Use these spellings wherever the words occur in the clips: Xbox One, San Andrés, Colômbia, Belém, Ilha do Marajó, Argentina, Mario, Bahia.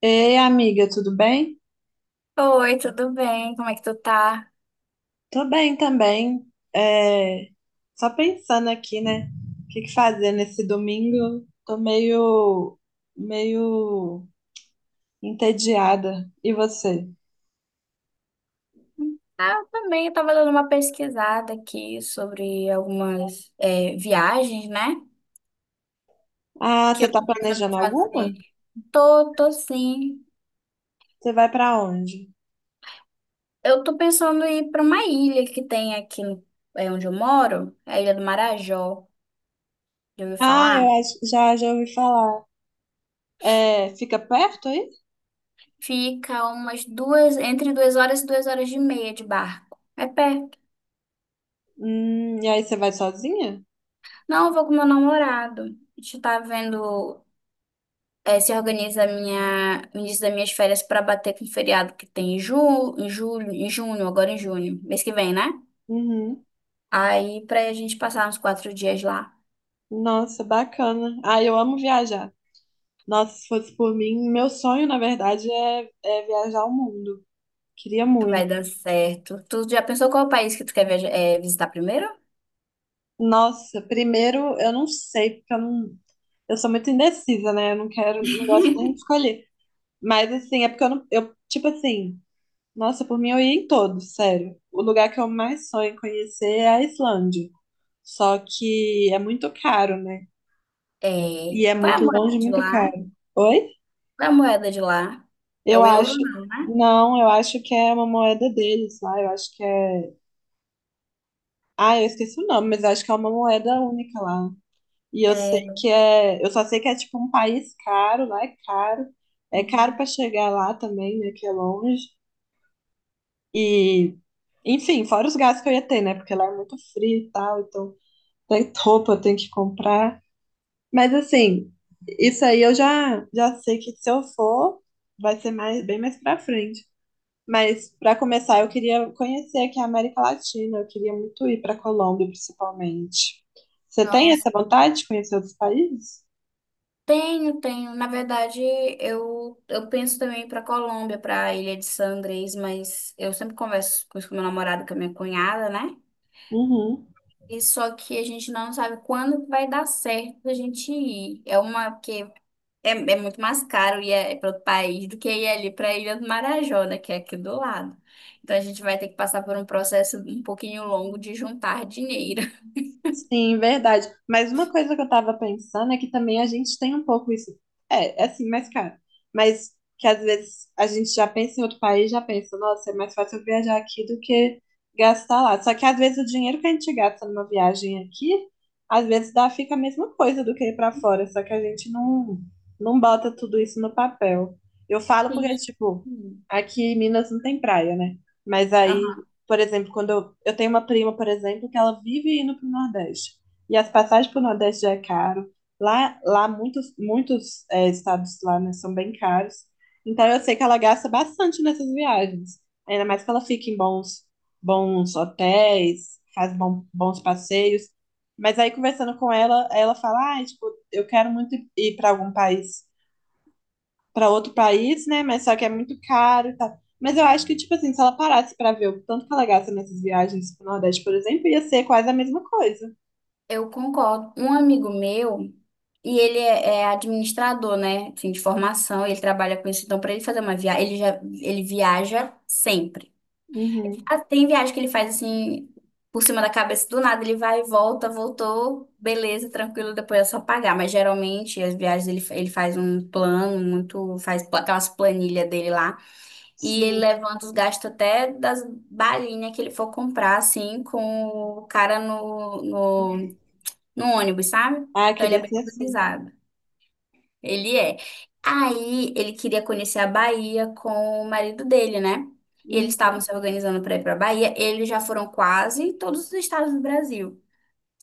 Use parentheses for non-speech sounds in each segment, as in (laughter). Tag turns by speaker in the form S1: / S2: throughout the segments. S1: Ei, amiga, tudo bem?
S2: Oi, tudo bem? Como é que tu tá?
S1: Tô bem também. É, só pensando aqui, né? O que que fazer nesse domingo? Tô meio entediada. E você?
S2: Ah, eu também, eu tava dando uma pesquisada aqui sobre algumas viagens, né?
S1: Ah,
S2: Que
S1: você
S2: eu
S1: tá
S2: tô pensando em
S1: planejando alguma?
S2: fazer. Tô, tô sim.
S1: Você vai pra onde?
S2: Eu tô pensando em ir pra uma ilha que tem aqui onde eu moro, é a Ilha do Marajó. Já ouviu
S1: Ah,
S2: falar?
S1: eu acho, já ouvi falar. É, fica perto aí?
S2: Fica entre 2 horas e 2 horas e meia de barco. É perto.
S1: E aí você vai sozinha?
S2: Não, eu vou com meu namorado. A gente tá vendo. Se organiza o início das minhas férias para bater com o feriado que tem em julho, em junho, agora em junho, mês que vem, né?
S1: Uhum.
S2: Aí pra a gente passar uns 4 dias lá,
S1: Nossa, bacana. Ah, eu amo viajar. Nossa, se fosse por mim, meu sonho, na verdade, é viajar o mundo. Queria
S2: vai
S1: muito.
S2: dar certo. Tu já pensou qual é o país que tu quer visitar primeiro?
S1: Nossa, primeiro, eu não sei, porque eu não. Eu sou muito indecisa, né? Eu não quero, não gosto nem de
S2: (laughs)
S1: escolher. Mas, assim, é porque eu não. Eu, tipo assim, nossa, por mim eu ia em todos, sério. O lugar que eu mais sonho em conhecer é a Islândia. Só que é muito caro, né? E
S2: É,
S1: é
S2: qual é a
S1: muito
S2: moeda
S1: longe, e
S2: de
S1: muito
S2: lá?
S1: caro. Oi?
S2: Qual é a moeda de lá? É
S1: Eu
S2: o euro?
S1: acho. Não, eu acho que é uma moeda deles lá. Eu acho que é. Ah, eu esqueci o nome, mas eu acho que é uma moeda única lá. E eu sei
S2: É, não.
S1: que é, eu só sei que é tipo um país caro, lá é caro pra chegar lá também, né, que é longe. E, enfim, fora os gastos que eu ia ter, né, porque lá é muito frio e tal, então tem roupa eu tenho que comprar. Mas assim, isso aí eu já sei que se eu for, vai ser mais bem mais pra frente. Mas pra começar, eu queria conhecer aqui a América Latina, eu queria muito ir pra Colômbia, principalmente. Você tem
S2: Nossa.
S1: essa vontade de conhecer outros países?
S2: Tenho, tenho. Na verdade, eu penso também para Colômbia, para Ilha de San Andrés, mas eu sempre converso com isso com meu namorado, com a minha cunhada, né?
S1: Uhum.
S2: E só que a gente não sabe quando que vai dar certo a gente ir. É uma Porque é muito mais caro ir para outro país do que ir ali para a Ilha do Marajó, né, que é aqui do lado. Então a gente vai ter que passar por um processo um pouquinho longo de juntar dinheiro.
S1: Sim, verdade. Mas uma coisa que eu tava pensando é que também a gente tem um pouco isso. É, é assim, mais caro. Mas que às vezes a gente já pensa em outro país, já pensa, nossa, é mais fácil eu viajar aqui do que gastar lá. Só que às vezes o dinheiro que a gente gasta numa viagem aqui, às vezes dá, fica a mesma coisa do que ir pra fora, só que a gente não, não bota tudo isso no papel. Eu falo porque,
S2: (laughs)
S1: tipo,
S2: Sim.
S1: aqui em Minas não tem praia, né? Mas aí
S2: Aham.
S1: por exemplo, quando eu tenho uma prima, por exemplo, que ela vive indo para o Nordeste. E as passagens para o Nordeste já é caro. Lá, lá muitos é, estados lá, né, são bem caros. Então eu sei que ela gasta bastante nessas viagens. Ainda mais que ela fica em bons, bons hotéis, faz bom, bons passeios. Mas aí, conversando com ela, ela fala, ah, tipo, eu quero muito ir para algum país para outro país, né? Mas só que é muito caro e tal. Mas eu acho que, tipo assim, se ela parasse para ver o tanto que ela gasta nessas viagens pro Nordeste, por exemplo, ia ser quase a mesma coisa.
S2: Eu concordo. Um amigo meu, e ele é administrador, né? Assim, de formação, ele trabalha com isso. Então, para ele fazer uma viagem, ele viaja sempre.
S1: Uhum,
S2: Ah, tem viagem que ele faz assim, por cima da cabeça do nada, ele vai, volta, voltou, beleza, tranquilo, depois é só pagar. Mas geralmente as viagens ele faz um plano, aquelas planilhas dele lá. E ele
S1: sim.
S2: levanta os gastos até das balinhas que ele for comprar, assim, com o cara no, no ônibus, sabe?
S1: Ah,
S2: Então ele é
S1: queria
S2: bem
S1: ser assim.
S2: organizado. Ele é. Aí ele queria conhecer a Bahia com o marido dele, né? E eles
S1: Uhum,
S2: estavam se organizando para ir para a Bahia. Eles já foram quase em todos os estados do Brasil.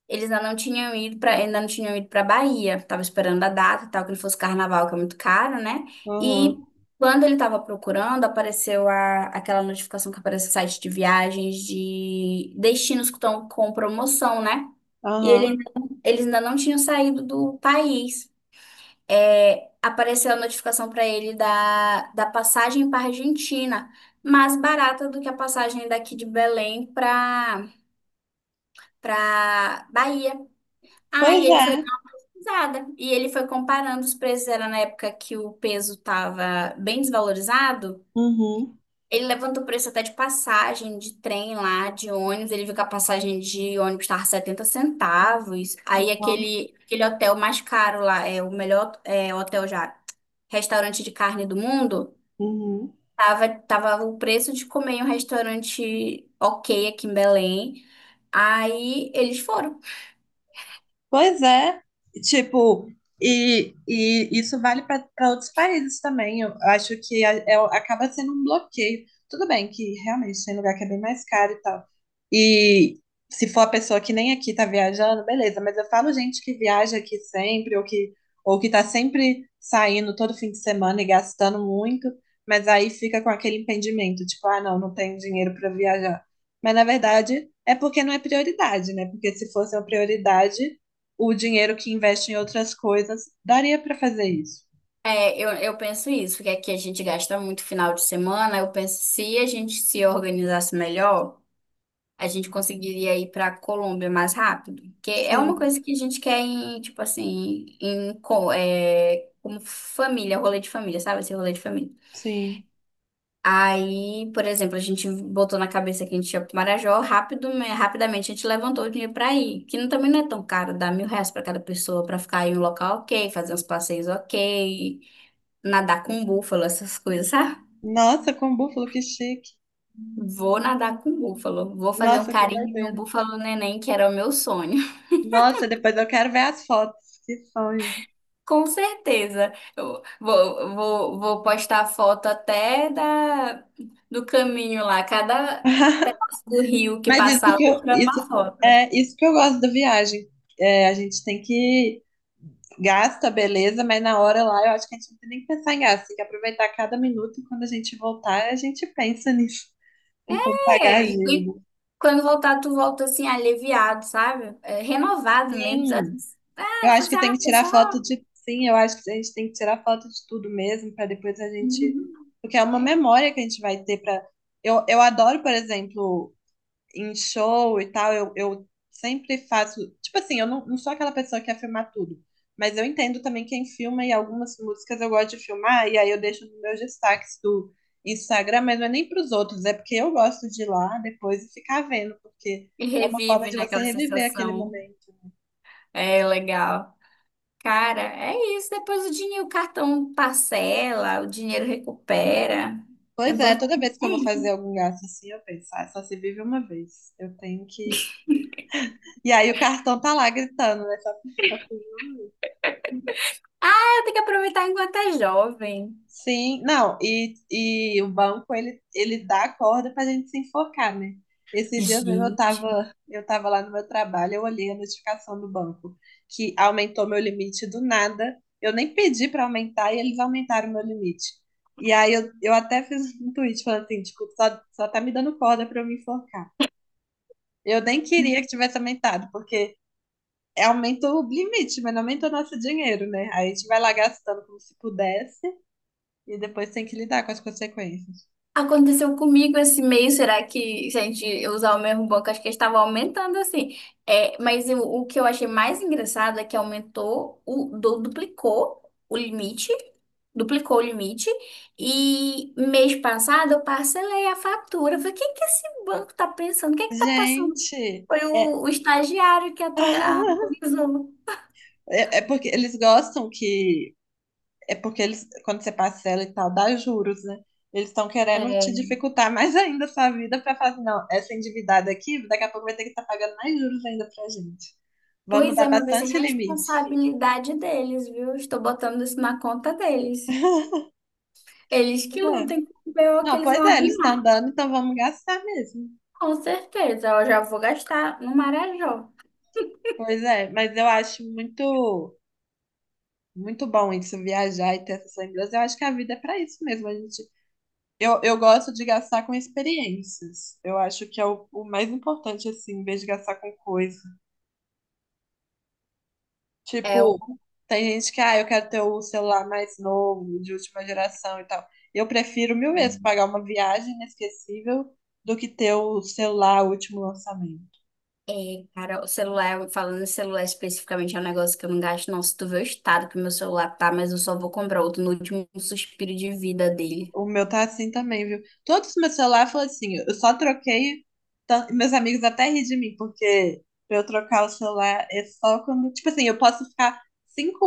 S2: Eles ainda não tinham ido para, ainda não tinham ido para Bahia. Tava esperando a data, e tal, que ele fosse carnaval, que é muito caro, né?
S1: aham,
S2: E quando ele tava procurando, apareceu aquela notificação que aparece no site de viagens de destinos que estão com promoção, né? E ele,
S1: aham.
S2: ainda- Eles ainda não tinham saído do país. É, apareceu a notificação para ele da, passagem para Argentina, mais barata do que a passagem daqui de Belém para Bahia.
S1: Pois
S2: Aí ele
S1: é.
S2: foi nada. E ele foi comparando os preços, era na época que o peso estava bem desvalorizado.
S1: Uhum,
S2: Ele levantou o preço até de passagem, de trem lá, de ônibus. Ele viu que a passagem de ônibus estava 70 centavos. Aí
S1: uhum,
S2: aquele, aquele hotel mais caro lá, é o melhor hotel, já restaurante de carne do mundo,
S1: uhum.
S2: tava o preço de comer em um restaurante ok aqui em Belém. Aí eles foram.
S1: Pois é, tipo, e, isso vale para outros países também. Eu acho que a- é- acaba sendo um bloqueio. Tudo bem que realmente tem lugar que é bem mais caro e tal. E se for a pessoa que nem aqui tá viajando, beleza, mas eu falo gente que viaja aqui sempre, ou que tá sempre saindo todo fim de semana e gastando muito, mas aí fica com aquele impedimento, tipo, ah, não, não tenho dinheiro para viajar. Mas na verdade é porque não é prioridade, né? Porque se fosse uma prioridade o dinheiro que investe em outras coisas, daria para fazer isso.
S2: É, eu penso isso, porque aqui a gente gasta muito final de semana. Eu penso, se a gente se organizasse melhor, a gente conseguiria ir para Colômbia mais rápido. Porque é uma
S1: Sim,
S2: coisa que a gente quer em, tipo assim, em, como família, rolê de família, sabe? Esse rolê de família.
S1: sim.
S2: Aí, por exemplo, a gente botou na cabeça que a gente ia para Marajó, rápido, né, rapidamente a gente levantou o dinheiro para ir, que não- também não é tão caro, dá mil reais para cada pessoa para ficar em um local ok, fazer uns passeios ok, nadar com um búfalo, essas coisas, sabe?
S1: Nossa, com búfalo, que chique.
S2: Vou nadar com um búfalo. Vou fazer um
S1: Nossa, que
S2: carinho em um
S1: doideira.
S2: búfalo neném, que era o meu sonho. (laughs)
S1: Nossa, depois eu quero ver as fotos. Que sonho.
S2: Com certeza. Eu vou postar foto até do caminho lá. Cada
S1: (laughs)
S2: pedaço do rio que
S1: Mas isso
S2: passar, eu
S1: que
S2: tô
S1: eu,
S2: tirando
S1: isso,
S2: uma foto.
S1: é isso que eu gosto da viagem. É, a gente tem que gasta, beleza, mas na hora lá eu acho que a gente não tem nem que pensar em gasto, tem que aproveitar cada minuto e quando a gente voltar, a gente pensa nisso, (laughs) em como pagar a
S2: Ei,
S1: dívida.
S2: E quando voltar, tu volta assim, aliviado, sabe? É, renovado mesmo. Sabe?
S1: Sim, Eu
S2: Ah, você
S1: acho que tem que
S2: sabe,
S1: tirar
S2: pessoal.
S1: foto de. Sim, eu acho que a gente tem que tirar foto de tudo mesmo, para depois a gente.
S2: Uhum.
S1: Porque é uma
S2: É.
S1: memória que a gente vai ter para. Eu adoro, por exemplo, em show e tal, eu sempre faço. Tipo assim, eu não, não sou aquela pessoa que quer filmar tudo. Mas eu entendo também quem filma e algumas músicas eu gosto de filmar, e aí eu deixo nos meus destaques do Instagram, mas não é nem para os outros, é porque eu gosto de ir lá depois e ficar vendo, porque
S2: E
S1: é uma forma
S2: revive
S1: de você
S2: naquela
S1: reviver aquele
S2: sensação.
S1: momento.
S2: É legal. Cara, é isso. Depois o dinheiro, o cartão parcela, o dinheiro recupera. É
S1: Pois é, toda vez que eu vou fazer
S2: importante.
S1: algum gasto assim, eu penso, ah, só se vive uma vez. Eu tenho que. E aí o cartão tá lá gritando, né?
S2: É, tem que aproveitar enquanto é jovem.
S1: Sim, não, e, o banco, ele dá a corda pra gente se enforcar, né? Esses dias mesmo
S2: Gente.
S1: eu tava lá no meu trabalho, eu olhei a notificação do banco, que aumentou meu limite do nada. Eu nem pedi pra aumentar e eles aumentaram meu limite. E aí eu até fiz um tweet falando assim, tipo, só tá me dando corda pra eu me enforcar. Eu nem queria que tivesse aumentado, porque é, aumenta o limite, mas não aumenta o nosso dinheiro, né? Aí a gente vai lá gastando como se pudesse e depois tem que lidar com as consequências.
S2: Aconteceu comigo esse mês, será que se a gente usar o mesmo banco, acho que estava aumentando assim. É, mas o que eu achei mais engraçado é que aumentou, o limite, duplicou o limite, e mês passado eu parcelei a fatura. Eu falei, o que que esse banco tá pensando? O que que tá passando?
S1: Gente,
S2: Foi
S1: é,
S2: o estagiário que atu-
S1: (laughs)
S2: atualizou.
S1: é, é porque eles gostam que. É porque eles, quando você parcela e tal, dá juros, né? Eles estão querendo te
S2: É.
S1: dificultar mais ainda a sua vida para falar assim, não, essa endividada aqui, daqui a pouco vai ter que estar pagando mais juros ainda pra gente. Vamos
S2: Pois
S1: dar
S2: é, mas vai ser
S1: bastante limite.
S2: responsabilidade deles, viu? Estou botando isso na conta deles. Eles que
S1: Pois é.
S2: lutem com o BO que
S1: Não,
S2: eles
S1: pois
S2: vão
S1: é, eles estão
S2: arrumar.
S1: dando, então vamos gastar mesmo.
S2: Com certeza, eu já vou gastar no Marajó.
S1: Pois é, mas eu acho muito bom isso, viajar e ter essas lembranças. Eu acho que a vida é para isso mesmo. A gente, eu gosto de gastar com experiências. Eu acho que é o mais importante, assim, em vez de gastar com coisa.
S2: É,
S1: Tipo,
S2: o-
S1: tem gente que, ah, eu quero ter o celular mais novo, de última geração e tal. Eu prefiro mil vezes pagar uma viagem inesquecível do que ter o celular último lançamento.
S2: cara, o celular, falando em celular especificamente, é um negócio que eu não gasto, não. Se tu vê o estado que meu celular tá, mas eu só vou comprar outro no último suspiro de vida dele.
S1: O meu tá assim também, viu? Todos os meus celulares foram assim. Eu só troquei. Meus amigos até ri de mim, porque pra eu trocar o celular é só quando. Tipo assim, eu posso ficar cinco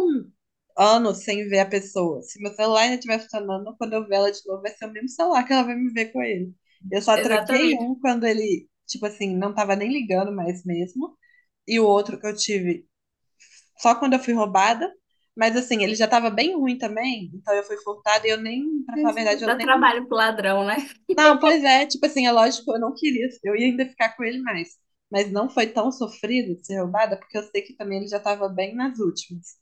S1: anos sem ver a pessoa. Se meu celular ainda estiver funcionando, quando eu ver ela de novo, vai ser o mesmo celular que ela vai me ver com ele. Eu só troquei
S2: Exatamente.
S1: um quando ele, tipo assim, não tava nem ligando mais mesmo. E o outro que eu tive só quando eu fui roubada. Mas assim, ele já tava bem ruim também, então eu fui furtada e eu nem, pra falar a verdade, eu
S2: Dá
S1: nem
S2: trabalho pro ladrão, né?
S1: não, pois é, tipo assim, é lógico, eu não queria, eu ia ainda ficar com ele mais, mas não foi tão sofrido de ser roubada, porque eu sei que também ele já estava bem nas últimas.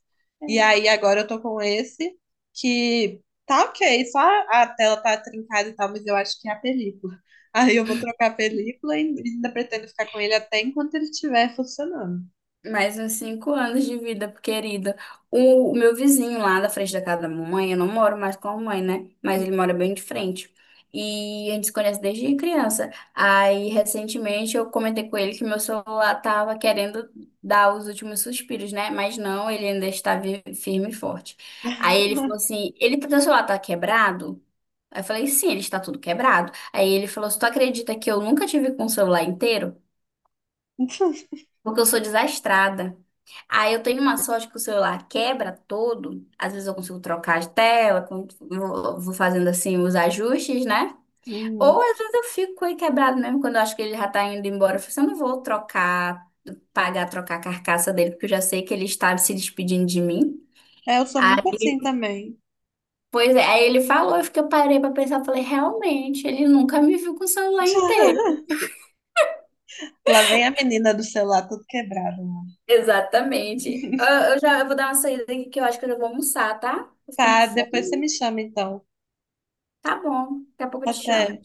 S1: E aí agora eu tô com esse que tá ok, só a tela tá trincada e tal, mas eu acho que é a película. (laughs) Aí eu vou trocar a película e ainda pretendo ficar com ele até enquanto ele estiver funcionando.
S2: Mais uns 5 anos de vida, querida. O meu vizinho lá da frente da casa da mamãe, eu não moro mais com a mamãe, né? Mas ele mora bem de frente. E a gente se conhece desde criança. Aí, recentemente, eu comentei com ele que meu celular tava querendo dar os últimos suspiros, né? Mas não, ele ainda está firme e forte. Aí ele falou assim: ele, teu celular tá quebrado? Aí eu falei: sim, ele está tudo quebrado. Aí ele falou: se tu acredita que eu nunca tive com o celular inteiro?
S1: (laughs)
S2: Porque eu sou desastrada. Aí eu tenho uma sorte que o celular quebra todo. Às vezes eu consigo trocar de tela, vou fazendo assim os ajustes, né?
S1: Hum.
S2: Ou às vezes eu fico com ele quebrado mesmo quando eu acho que ele já tá indo embora. Eu falo assim, eu não vou trocar, pagar, trocar a carcaça dele, porque eu já sei que ele está se despedindo de mim.
S1: É, eu sou muito
S2: Aí,
S1: assim também.
S2: pois é, aí ele falou, eu fiquei, eu parei pra pensar, falei, realmente, ele nunca me viu com o celular inteiro.
S1: (laughs) Lá vem a menina do celular tudo quebrado. Mano.
S2: Exatamente. Eu vou dar uma saída aqui que eu acho que eu já vou almoçar, tá? Tô ficando com
S1: Tá, depois você
S2: fome.
S1: me chama então.
S2: Tá bom, daqui a pouco eu te
S1: Até.
S2: chamo.